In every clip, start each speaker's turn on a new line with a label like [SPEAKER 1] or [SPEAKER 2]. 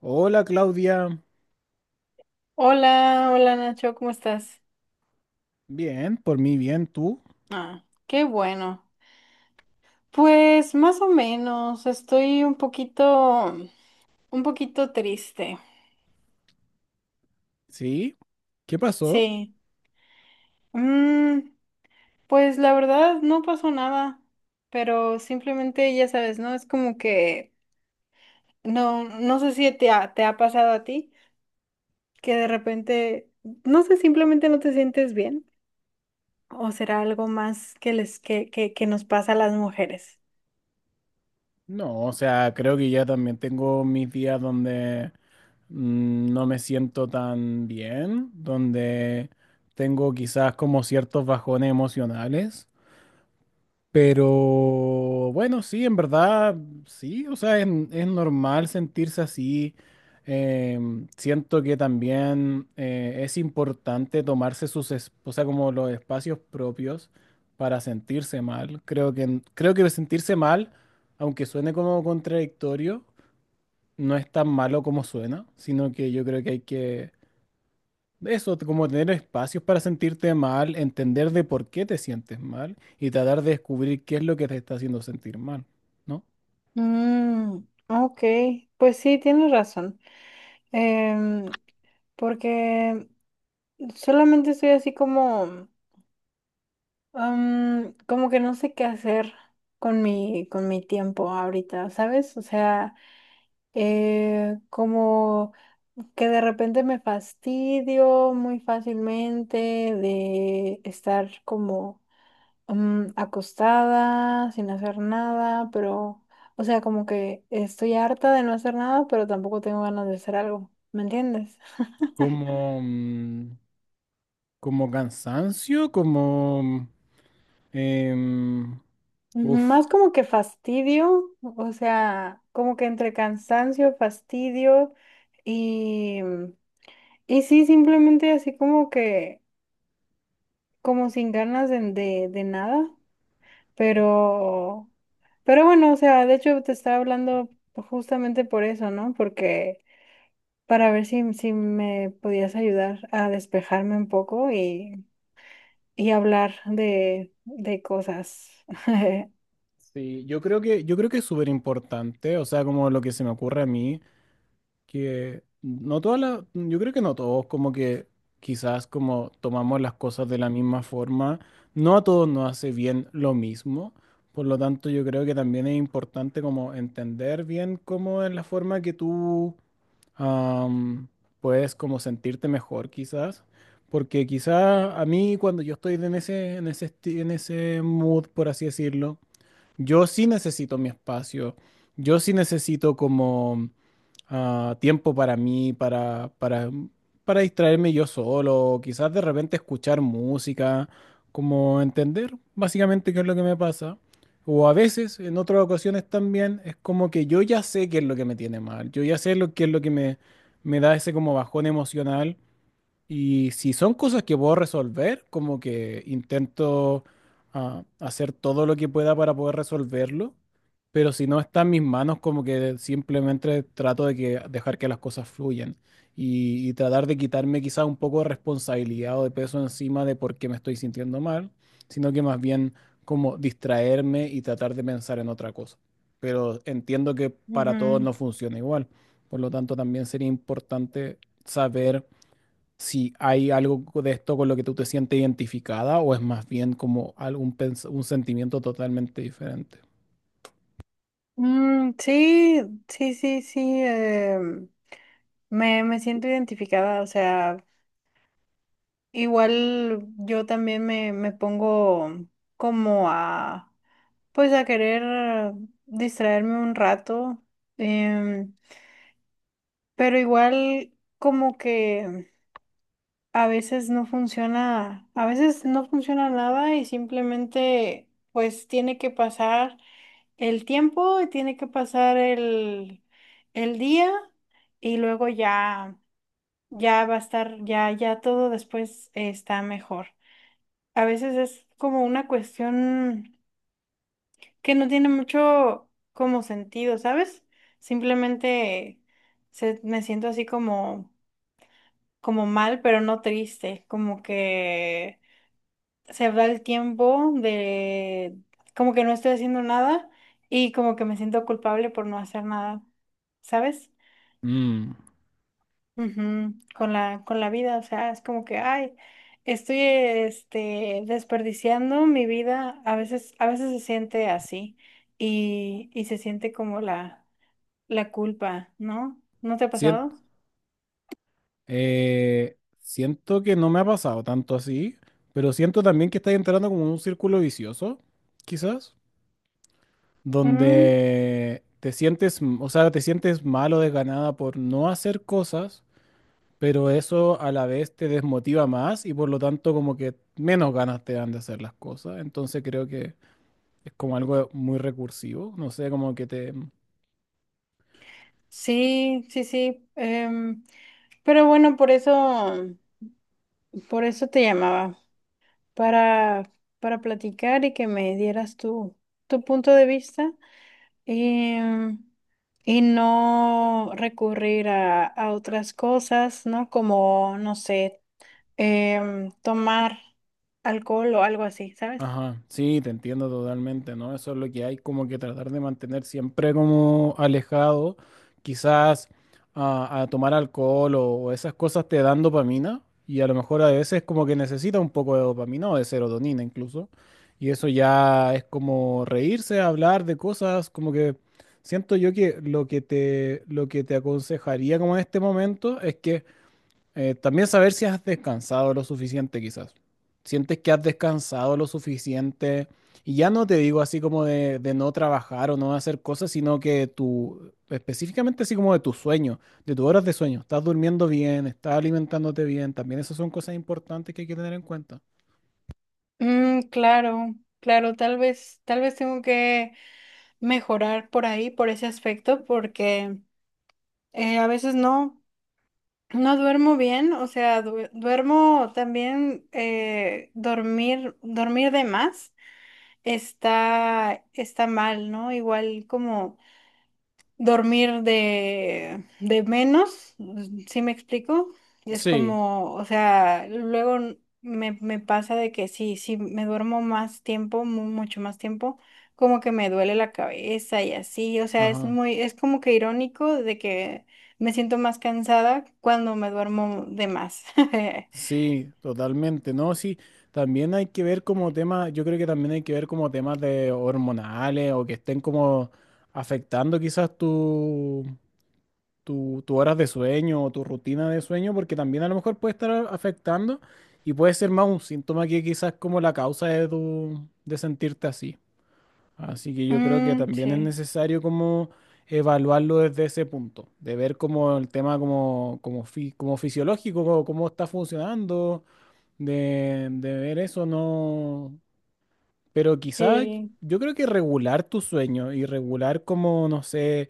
[SPEAKER 1] Hola Claudia,
[SPEAKER 2] Hola, hola Nacho, ¿cómo estás?
[SPEAKER 1] bien, por mí bien, ¿tú?
[SPEAKER 2] Ah, qué bueno. Pues más o menos, estoy un poquito triste.
[SPEAKER 1] ¿Sí? ¿Qué pasó?
[SPEAKER 2] Sí. Mm, pues la verdad no pasó nada, pero simplemente ya sabes, ¿no? Es como que no, no sé si te ha pasado a ti, que de repente, no sé, simplemente no te sientes bien, o será algo más que que nos pasa a las mujeres.
[SPEAKER 1] No, o sea, creo que ya también tengo mis días donde no me siento tan bien, donde tengo quizás como ciertos bajones emocionales. Pero bueno, sí, en verdad, sí, o sea, es normal sentirse así. Siento que también es importante tomarse sus, o sea, como los espacios propios para sentirse mal. Creo que sentirse mal, aunque suene como contradictorio, no es tan malo como suena, sino que yo creo que hay que eso, como tener espacios para sentirte mal, entender de por qué te sientes mal y tratar de descubrir qué es lo que te está haciendo sentir mal, ¿no?
[SPEAKER 2] Mm, ok, pues sí, tienes razón. Em, Porque solamente estoy así como, como que no sé qué hacer con con mi tiempo ahorita, ¿sabes? O sea, como que de repente me fastidio muy fácilmente de estar como acostada, sin hacer nada, pero, o sea, como que estoy harta de no hacer nada, pero tampoco tengo ganas de hacer algo, ¿me entiendes?
[SPEAKER 1] Como, mm, como cansancio, como em, uf,
[SPEAKER 2] Más como que fastidio, o sea, como que entre cansancio, fastidio y, y sí, simplemente así como que, como sin ganas de nada, pero, pero bueno, o sea, de hecho te estaba hablando justamente por eso, ¿no? Porque... para ver si, si me podías ayudar a despejarme un poco y hablar de cosas.
[SPEAKER 1] sí, yo creo que es súper importante, o sea, como lo que se me ocurre a mí. Que no todas las, yo creo que no todos, como que quizás como tomamos las cosas de la misma forma, no a todos nos hace bien lo mismo. Por lo tanto, yo creo que también es importante como entender bien cómo es la forma que tú am, puedes como sentirte mejor quizás. Porque quizás a mí cuando yo estoy en ese mood, por así decirlo, yo sí necesito mi espacio, yo sí necesito como tiempo para mí, para distraerme yo solo, quizás de repente escuchar música, como entender básicamente qué es lo que me pasa. O a veces, en otras ocasiones también, es como que yo ya sé qué es lo que me tiene mal, yo ya sé lo, qué es lo que me da ese como bajón emocional y si son cosas que puedo resolver, como que intento hacer todo lo que pueda para poder resolverlo, pero si no está en mis manos, como que simplemente trato de que, dejar que las cosas fluyan y tratar de quitarme quizás un poco de responsabilidad o de peso encima de por qué me estoy sintiendo mal, sino que más bien como distraerme y tratar de pensar en otra cosa. Pero entiendo que para todos no
[SPEAKER 2] Ujú.
[SPEAKER 1] funciona igual, por lo tanto también sería importante saber si hay algo de esto con lo que tú te sientes identificada o es más bien como algún un sentimiento totalmente diferente.
[SPEAKER 2] Mm, sí, sí, sí, sí, me, me siento identificada, o sea, igual yo también me pongo como a, pues a querer distraerme un rato, em, pero igual como que... A veces no funciona, a veces no funciona nada y simplemente pues tiene que pasar el tiempo, y tiene que pasar el día y luego ya, ya va a estar, ya, ya todo después está mejor. A veces es como una cuestión que no tiene mucho como sentido, ¿sabes? Simplemente me siento así como, como mal, pero no triste, como que se va el tiempo de como que no estoy haciendo nada y como que me siento culpable por no hacer nada, ¿sabes?
[SPEAKER 1] Mm.
[SPEAKER 2] Ujú, con la, con la vida, o sea, es como que, ay, estoy este, desperdiciando mi vida, a veces se siente así y se siente como la culpa, ¿no? ¿No te ha
[SPEAKER 1] Sien-
[SPEAKER 2] pasado?
[SPEAKER 1] Siento que no me ha pasado tanto así, pero siento también que estás entrando como en un círculo vicioso, quizás,
[SPEAKER 2] Mm,
[SPEAKER 1] donde te sientes, o sea, te sientes mal o desganada por no hacer cosas, pero eso a la vez te desmotiva más y por lo tanto como que menos ganas te dan de hacer las cosas. Entonces creo que es como algo muy recursivo, no sé, como que te...
[SPEAKER 2] sí, sí, sí. Pero bueno, por eso te llamaba. para, para platicar y que me dieras tu, tu punto de vista y, y no recurrir a otras cosas, ¿no? Como, no sé, tomar alcohol o algo así, ¿sabes?
[SPEAKER 1] Ajá, sí, te entiendo totalmente, ¿no? Eso es lo que hay, como que tratar de mantener siempre como alejado, quizás a tomar alcohol o esas cosas te dan dopamina y a lo mejor a veces como que necesita un poco de dopamina o de serotonina incluso, y eso ya es como reírse, hablar de cosas, como que siento yo que lo que te aconsejaría como en este momento es que también saber si has descansado lo suficiente, quizás. Sientes que has descansado lo suficiente. Y ya no te digo así como de no trabajar o no hacer cosas, sino que tu, específicamente así como de tu sueño, de tus horas de sueño. Estás durmiendo bien, estás alimentándote bien. También esas son cosas importantes que hay que tener en cuenta.
[SPEAKER 2] Mm, claro, claro, tal vez tengo que mejorar por ahí, por ese aspecto, porque a veces no. No duermo bien, o sea, duermo también, dormir, dormir de más está, está mal, ¿no? Igual como dormir de menos, ¿sí me explico? Y es
[SPEAKER 1] Sí,
[SPEAKER 2] como, o sea, luego me, me pasa de que sí, sí, me duermo más tiempo, mucho más tiempo, como que me duele la cabeza y así, o sea, es
[SPEAKER 1] ajá.
[SPEAKER 2] muy, es como que irónico de que me siento más cansada cuando me duermo de más.
[SPEAKER 1] Sí, totalmente. No, sí, también hay que ver como temas, yo creo que también hay que ver como temas de hormonales o que estén como afectando quizás tu, tu horas de sueño o tu rutina de sueño, porque también a lo mejor puede estar afectando y puede ser más un síntoma que quizás como la causa de tu, de sentirte así. Así que yo creo que
[SPEAKER 2] Mm,
[SPEAKER 1] también es
[SPEAKER 2] sí,
[SPEAKER 1] necesario como evaluarlo desde ese punto, de ver como el tema como fisiológico, cómo está funcionando, de ver eso, no, pero quizás
[SPEAKER 2] sí,
[SPEAKER 1] yo creo que regular tu sueño y regular como, no sé,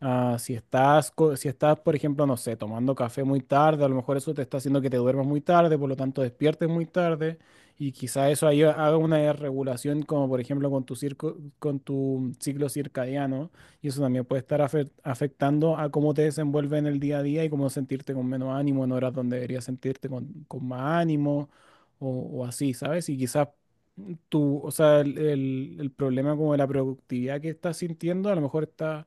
[SPEAKER 1] si estás, si estás, por ejemplo, no sé, tomando café muy tarde, a lo mejor eso te está haciendo que te duermas muy tarde, por lo tanto despiertes muy tarde y quizás eso ahí haga una regulación como, por ejemplo, con tu circo, con tu ciclo circadiano y eso también puede estar afectando a cómo te desenvuelves en el día a día y cómo sentirte con menos ánimo en horas donde deberías sentirte con más ánimo o, o así, ¿sabes? Y quizás tu, o sea, el problema como de la productividad que estás sintiendo, a lo mejor está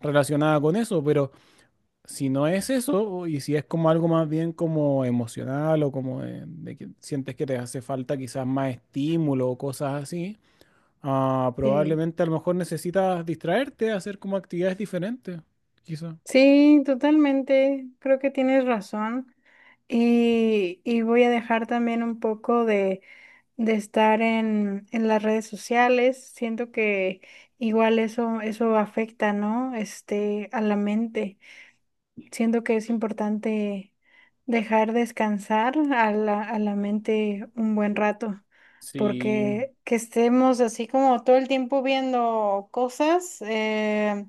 [SPEAKER 1] relacionada con eso, pero si no es eso, o- y si es como algo más bien como emocional o como de que sientes que te hace falta quizás más estímulo o cosas así,
[SPEAKER 2] sí.
[SPEAKER 1] probablemente a lo mejor necesitas distraerte, hacer como actividades diferentes, quizás.
[SPEAKER 2] Sí, totalmente. Creo que tienes razón. Y voy a dejar también un poco de estar en las redes sociales. Siento que igual eso, eso afecta, ¿no? Este, a la mente. Siento que es importante dejar descansar a la mente un buen rato,
[SPEAKER 1] Sí.
[SPEAKER 2] porque que estemos así como todo el tiempo viendo cosas,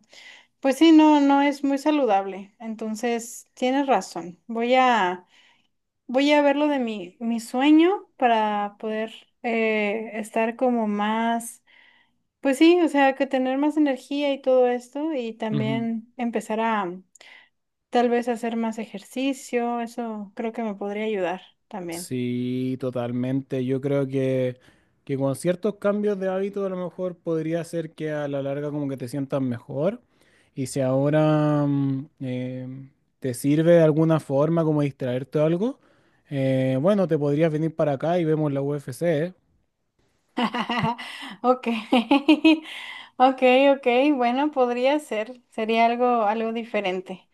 [SPEAKER 2] pues sí, no, no es muy saludable. Entonces, tienes razón. Voy a, voy a ver lo de mi, mi sueño para poder estar como más, pues sí, o sea, que tener más energía y todo esto y
[SPEAKER 1] Ujú.
[SPEAKER 2] también empezar a tal vez hacer más ejercicio, eso creo que me podría ayudar también.
[SPEAKER 1] Sí, totalmente. Que con ciertos cambios de hábito a lo mejor podría ser que a la larga como que te sientas mejor. Y si ahora te sirve de alguna forma como distraerte o algo, bueno, te podrías venir para acá y vemos la UFC, ¿eh?
[SPEAKER 2] Ok, ok, ok, bueno, podría ser, sería algo, algo diferente.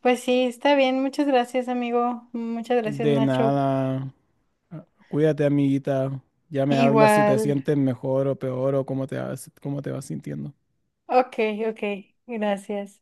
[SPEAKER 2] Pues sí, está bien, muchas gracias, amigo, muchas gracias,
[SPEAKER 1] De
[SPEAKER 2] Nacho.
[SPEAKER 1] nada. Ah, cuídate, amiguita. Ya me hablas si te
[SPEAKER 2] Igual,
[SPEAKER 1] sientes mejor o peor o cómo te vas sintiendo.
[SPEAKER 2] ok, ok, gracias.